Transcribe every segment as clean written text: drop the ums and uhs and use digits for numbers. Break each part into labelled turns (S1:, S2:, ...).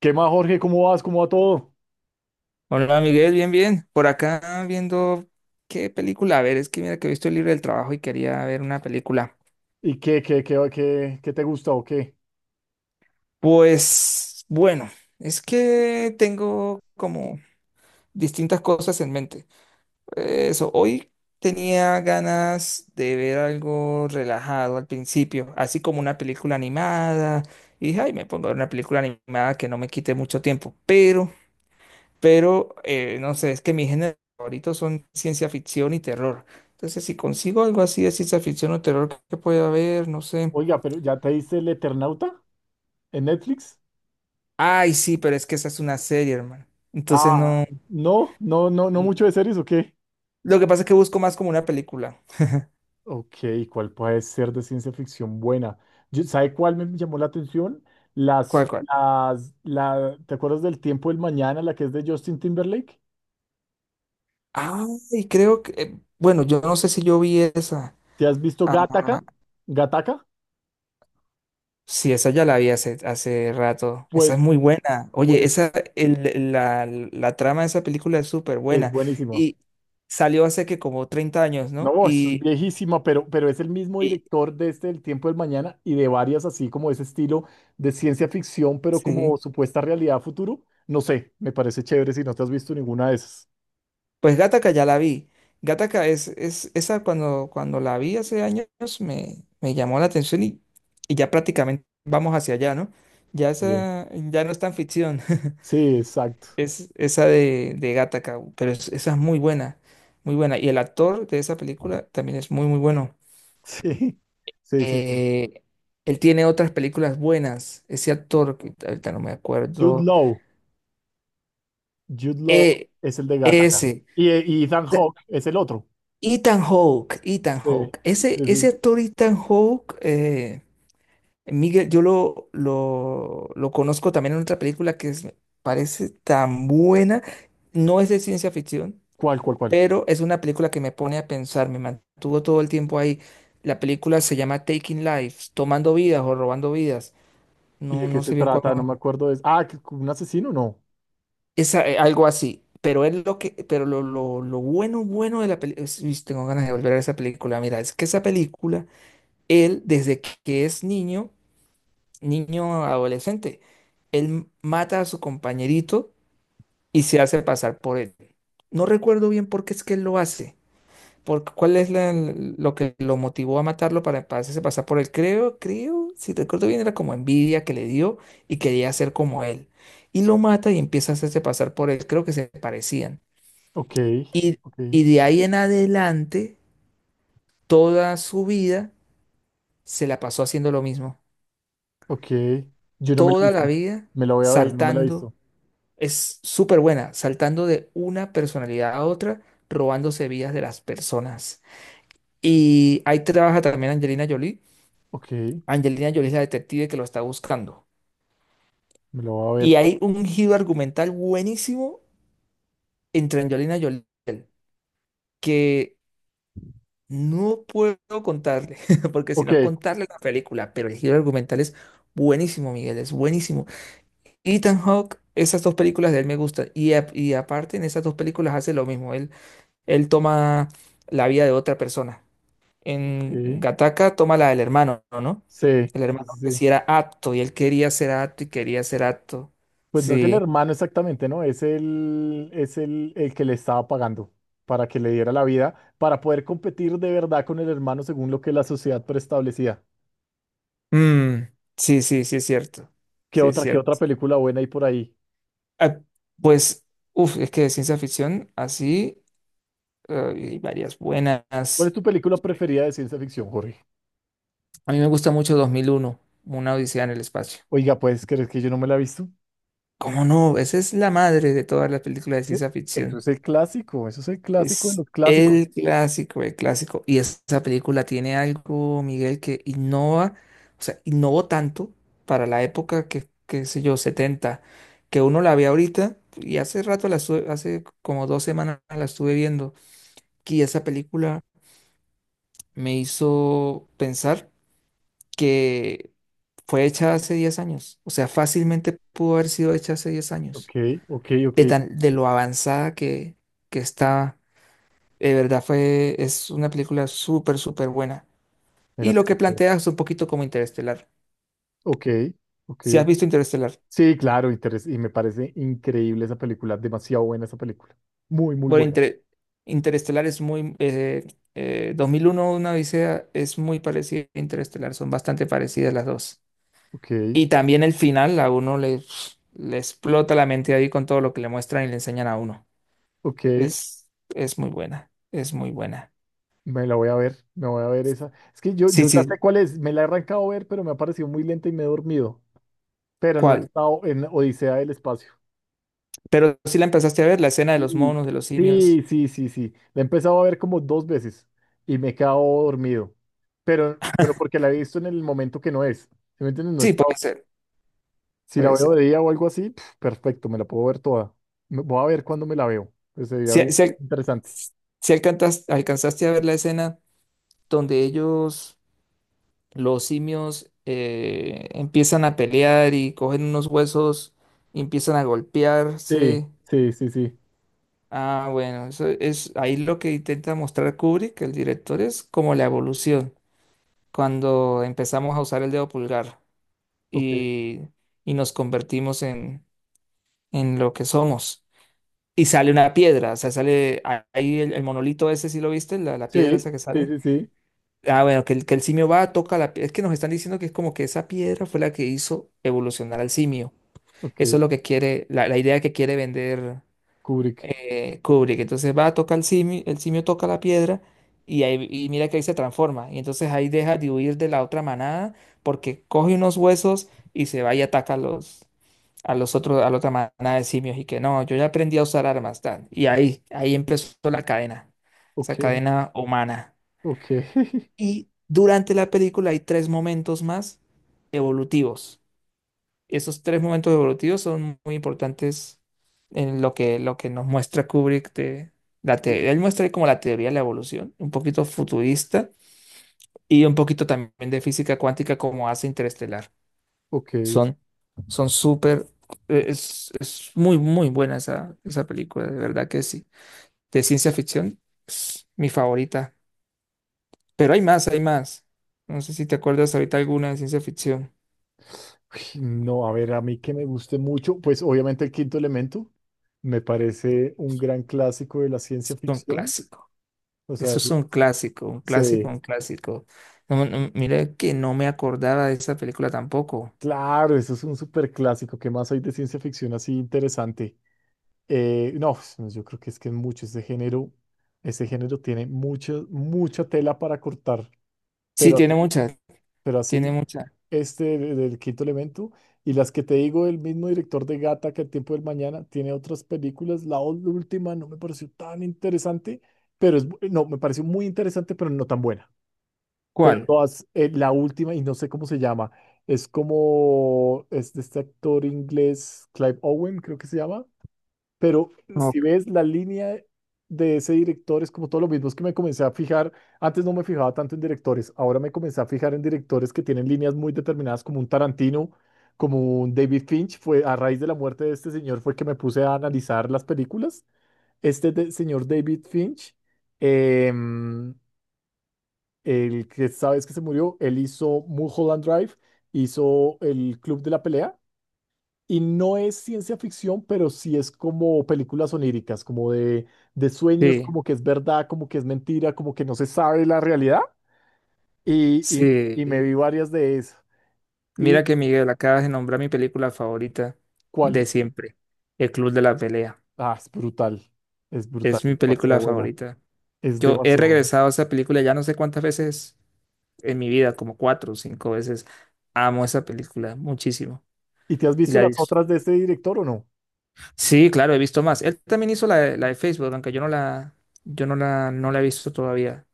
S1: ¿Qué más, Jorge? ¿Cómo vas? ¿Cómo va todo?
S2: Hola Miguel, bien, bien. Por acá viendo qué película. A ver, es que mira que he visto el libro del trabajo y quería ver una película.
S1: ¿Y qué te gusta o qué?
S2: Pues bueno, es que tengo como distintas cosas en mente. Eso, hoy tenía ganas de ver algo relajado al principio, así como una película animada. Y dije, ay, me pongo a ver una película animada que no me quite mucho tiempo. Pero no sé, es que mis géneros favoritos son ciencia ficción y terror. Entonces, si consigo algo así de ciencia ficción o terror que pueda haber, no sé.
S1: Oiga, pero ¿ya te diste El Eternauta en Netflix?
S2: Ay, sí, pero es que esa es una serie, hermano. Entonces,
S1: Ah,
S2: no.
S1: no, no, no, no mucho de
S2: n-
S1: series o qué.
S2: Lo que pasa es que busco más como una película.
S1: Ok, ¿cuál puede ser de ciencia ficción buena? ¿Sabe cuál me llamó la atención?
S2: ¿Cuál, cuál?
S1: ¿Te acuerdas del Tiempo del Mañana, la que es de Justin Timberlake?
S2: Ay, creo que. Bueno, yo no sé si yo vi esa.
S1: ¿Te has visto Gattaca?
S2: Ah,
S1: ¿Gattaca?
S2: sí, esa ya la vi hace, hace rato. Esa
S1: Pues,
S2: es muy buena. Oye,
S1: pues,
S2: esa, la, la trama de esa película es súper
S1: es
S2: buena.
S1: buenísima.
S2: Y salió hace que como 30 años, ¿no?
S1: No, eso es viejísima, pero es el mismo
S2: Y
S1: director de este El Tiempo del Mañana y de varias así como ese estilo de ciencia ficción, pero como
S2: sí,
S1: supuesta realidad futuro. No sé, me parece chévere si no te has visto ninguna de esas.
S2: pues Gattaca ya la vi. Gattaca es esa cuando, cuando la vi hace años me, me llamó la atención y ya prácticamente vamos hacia allá, ¿no? Ya
S1: Sí,
S2: esa, ya no es tan ficción.
S1: sí, exacto.
S2: Es esa de Gattaca, pero esa es muy buena, muy buena. Y el actor de esa película también es muy, muy bueno.
S1: Sí, sí, sí, sí.
S2: Eh, él tiene otras películas buenas. Ese actor, que ahorita no me
S1: Jude
S2: acuerdo.
S1: Law, Jude Law
S2: eh,
S1: es el de Gattaca.
S2: Ese.
S1: Y Ethan
S2: O sea,
S1: Hawke es el otro.
S2: Ethan Hawke, Ethan
S1: Sí,
S2: Hawke. Ese,
S1: sí,
S2: ese
S1: sí.
S2: actor Ethan Hawke, Miguel, yo lo conozco también en otra película me parece tan buena. No es de ciencia ficción,
S1: Cuál?
S2: pero es una película que me pone a pensar, me mantuvo todo el tiempo ahí. La película se llama Taking Lives, tomando vidas o robando vidas.
S1: ¿Y
S2: No,
S1: de qué
S2: no
S1: se
S2: sé bien cuál.
S1: trata? No me acuerdo. Ah, un asesino, no.
S2: Algo así. Pero es lo que, pero lo bueno, bueno de la película. Tengo ganas de volver a esa película. Mira, es que esa película, él, desde que es niño, niño adolescente, él mata a su compañerito y se hace pasar por él. No recuerdo bien por qué es que él lo hace. ¿Por cuál es lo que lo motivó a matarlo para hacerse pasar por él? Creo, creo, si recuerdo bien, era como envidia que le dio y quería ser como él. Y lo mata y empieza a hacerse pasar por él. Creo que se parecían.
S1: Ok,
S2: Y,
S1: ok.
S2: y de ahí en adelante, toda su vida se la pasó haciendo lo mismo.
S1: Ok. Yo no me la he
S2: Toda
S1: visto.
S2: la vida
S1: Me la voy a ver, no me la he
S2: saltando.
S1: visto.
S2: Es súper buena, saltando de una personalidad a otra, robándose vidas de las personas. Y ahí trabaja también Angelina Jolie.
S1: Ok, me
S2: Angelina Jolie es la detective que lo está buscando.
S1: lo voy a
S2: Y
S1: ver.
S2: hay un giro argumental buenísimo entre Angelina Jolie y él, que no puedo contarle, porque si
S1: Ok,
S2: no es contarle la película, pero el giro argumental es buenísimo, Miguel, es buenísimo. Ethan Hawke, esas dos películas de él me gustan. Y, y aparte, en esas dos películas hace lo mismo. Él toma la vida de otra persona. En
S1: ok.
S2: Gattaca toma la del hermano, ¿no?
S1: Sí,
S2: El
S1: sí,
S2: hermano
S1: sí,
S2: que
S1: sí.
S2: sí era apto y él quería ser apto y quería ser apto.
S1: Pues no es el
S2: Sí.
S1: hermano exactamente, ¿no? Es el que le estaba pagando para que le diera la vida, para poder competir de verdad con el hermano según lo que la sociedad preestablecía.
S2: Mm, sí, sí, sí es cierto. Sí es
S1: Qué
S2: cierto.
S1: otra película buena hay por ahí?
S2: Ah, pues, uff, es que de ciencia ficción así hay varias
S1: ¿Cuál es
S2: buenas.
S1: tu película preferida de ciencia ficción, Jorge?
S2: A mí me gusta mucho 2001, Una Odisea en el Espacio.
S1: Oiga, ¿puedes creer que yo no me la he visto?
S2: ¿Cómo no? Esa es la madre de todas las películas de
S1: Eh,
S2: ciencia
S1: Eso
S2: ficción.
S1: es el clásico, eso es el clásico de
S2: Es
S1: los clásicos.
S2: el clásico, el clásico. Y esa película tiene algo, Miguel, que innova, o sea, innovó tanto para la época, que qué sé yo, setenta, que uno la ve ahorita, y hace rato la estuve, hace como 2 semanas la estuve viendo. Y esa película me hizo pensar que fue hecha hace 10 años. O sea, fácilmente pudo haber sido hecha hace 10 años.
S1: Ok, ok, ok.
S2: De tan, de lo avanzada que está. De verdad fue, es una película súper, súper buena. Y
S1: Mira,
S2: lo que plantea es un poquito como Interestelar.
S1: ok, ok,
S2: Si has
S1: ok.
S2: visto Interestelar,
S1: Sí, claro, y me parece increíble esa película, demasiado buena esa película. Muy, muy
S2: bueno,
S1: buena.
S2: Interestelar es muy, 2001, una odisea, es muy parecida a Interestelar, son bastante parecidas las dos.
S1: Ok,
S2: Y también el final, a uno le, le explota la mente ahí con todo lo que le muestran y le enseñan a uno.
S1: ok,
S2: Es muy buena, es muy buena.
S1: me la voy a ver, me voy a ver esa. Es que
S2: Sí,
S1: yo ya sé
S2: sí,
S1: cuál es, me la he arrancado a ver, pero me ha parecido muy lenta y me he dormido. Pero no he
S2: ¿cuál?
S1: estado en Odisea del Espacio.
S2: Pero si la empezaste a ver, la escena de los
S1: Sí,
S2: monos, de los simios.
S1: sí, sí, sí, sí. La he empezado a ver como dos veces y me he quedado dormido. Pero porque la he visto en el momento que no es. ¿Sí me entiendes? No he
S2: Sí, puede
S1: estado.
S2: ser,
S1: Si la
S2: puede
S1: veo
S2: ser.
S1: de día o algo así, pf, perfecto, me la puedo ver toda. Voy a ver cuándo me la veo. Pues sería
S2: Si,
S1: bien
S2: si al-
S1: interesante.
S2: si alcanzaste a ver la escena donde ellos, los simios, empiezan a pelear y cogen unos huesos y empiezan a
S1: Sí,
S2: golpearse.
S1: sí, sí, sí.
S2: Ah, bueno, eso es ahí lo que intenta mostrar Kubrick, el director, es como la evolución, cuando empezamos a usar el dedo pulgar
S1: Ok.
S2: y, y nos convertimos en lo que somos. Y sale una piedra, o sea, sale ahí el monolito ese, ¿si lo viste? La piedra
S1: Sí,
S2: esa que
S1: sí,
S2: sale.
S1: sí, sí.
S2: Ah, bueno, que el simio va, toca la piedra. Es que nos están diciendo que es como que esa piedra fue la que hizo evolucionar al simio.
S1: Ok.
S2: Eso es lo que quiere, la idea que quiere vender
S1: Kubrick.
S2: Kubrick. Entonces va, toca el simio toca la piedra y, ahí, y mira que ahí se transforma. Y entonces ahí deja de huir de la otra manada porque coge unos huesos y se va y ataca a los otros, a la otra manada de simios. Y que no, yo ya aprendí a usar armas, tal. Y ahí, ahí empezó la cadena, esa
S1: Ok,
S2: cadena humana.
S1: ok.
S2: Y durante la película hay tres momentos más evolutivos. Esos tres momentos evolutivos son muy importantes en lo que nos muestra Kubrick de la teoría. Él muestra como la teoría de la evolución, un poquito futurista y un poquito también de física cuántica como hace Interestelar.
S1: Ok. Uy,
S2: Son, son súper, es muy, muy buena esa, esa película, de verdad que sí. De ciencia ficción, es mi favorita. Pero hay más, hay más. No sé si te acuerdas ahorita alguna de ciencia ficción.
S1: no, a ver, a mí que me guste mucho, pues obviamente El Quinto Elemento me parece un gran clásico de la ciencia
S2: Es un
S1: ficción.
S2: clásico.
S1: O sea,
S2: Eso es un clásico, un clásico,
S1: se
S2: un clásico. No, no, mira que no me acordaba de esa película tampoco.
S1: claro, eso es un súper clásico. ¿Qué más hay de ciencia ficción así interesante? No, yo creo que es mucho ese género tiene mucha, mucha tela para cortar,
S2: Sí,
S1: pero,
S2: tiene muchas,
S1: pero
S2: tiene
S1: así,
S2: muchas.
S1: del quinto elemento y las que te digo, el mismo director de Gata que El tiempo del mañana tiene otras películas, la última no me pareció tan interesante, pero es, no, me pareció muy interesante, pero no tan buena, pero
S2: ¿Cuál?
S1: todas, la última y no sé cómo se llama, es como, es de este actor inglés, Clive Owen creo que se llama, pero si
S2: Ok.
S1: ves la línea de ese director, es como todo lo mismo. Es que me comencé a fijar, antes no me fijaba tanto en directores, ahora me comencé a fijar en directores que tienen líneas muy determinadas, como un Tarantino, como un David Finch. Fue a raíz de la muerte de este señor, fue que me puse a analizar las películas. Este señor David Finch, em, el que sabes que se murió, él hizo Mulholland Drive, hizo El Club de la Pelea. Y no es ciencia ficción, pero sí es como películas oníricas, como de sueños,
S2: Sí,
S1: como que es verdad, como que es mentira, como que no se sabe la realidad. Y, y me
S2: sí.
S1: vi varias de esas. ¿Y
S2: Mira que Miguel, acabas de nombrar mi película favorita
S1: cuál?
S2: de siempre, El Club de la Pelea.
S1: Ah, es brutal. Es brutal,
S2: Es
S1: es
S2: mi
S1: demasiado
S2: película
S1: buena.
S2: favorita.
S1: Es
S2: Yo he
S1: demasiado buena.
S2: regresado a esa película ya no sé cuántas veces en mi vida, como 4 o 5 veces. Amo esa película muchísimo.
S1: ¿Y te has
S2: Y
S1: visto
S2: la he
S1: las
S2: visto.
S1: otras de este director o no?
S2: Sí, claro, he visto más. Él también hizo la de Facebook, aunque yo no la, yo no la, no la he visto todavía.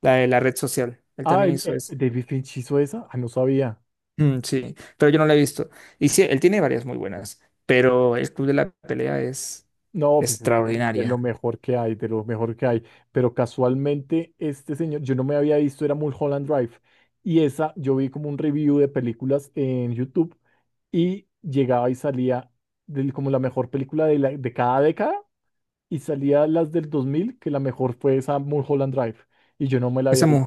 S2: La de la red social. Él
S1: Ah,
S2: también hizo esa.
S1: David Finch hizo esa. Ah, no sabía.
S2: Mm, sí, pero yo no la he visto. Y sí, él tiene varias muy buenas, pero el Club de la Pelea es
S1: No, pues es de lo
S2: extraordinaria.
S1: mejor que hay, de lo mejor que hay. Pero casualmente este señor, yo no me había visto, era Mulholland Drive. Y esa, yo vi como un review de películas en YouTube y llegaba y salía como la mejor película de cada década y salía las del 2000 que la mejor fue esa Mulholland Drive. Y yo no me la había
S2: Esa,
S1: visto.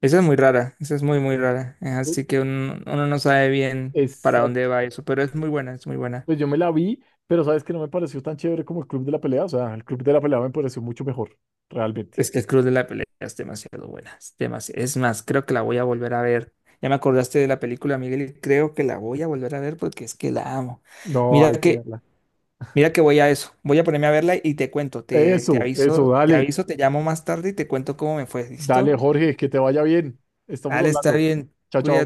S2: esa es muy rara, esa es muy, muy rara. Así que uno, uno no sabe bien para dónde
S1: Exacto.
S2: va eso, pero es muy buena, es muy buena.
S1: Pues yo me la vi, pero sabes que no me pareció tan chévere como el Club de la Pelea. O sea, el Club de la Pelea me pareció mucho mejor, realmente.
S2: Es que el Club de la Pelea es demasiado buena. Es, es más, creo que la voy a volver a ver. Ya me acordaste de la película, Miguel, y creo que la voy a volver a ver porque es que la amo.
S1: No,
S2: Mira
S1: hay que
S2: que,
S1: verla.
S2: mira que voy a eso. Voy a ponerme a verla y te cuento. Te
S1: Eso,
S2: aviso, te
S1: dale,
S2: aviso, te llamo más tarde y te cuento cómo me fue.
S1: dale,
S2: ¿Listo?
S1: Jorge, que te vaya bien. Estamos
S2: Dale, está
S1: hablando.
S2: bien.
S1: Chao, chao.
S2: Cuídate.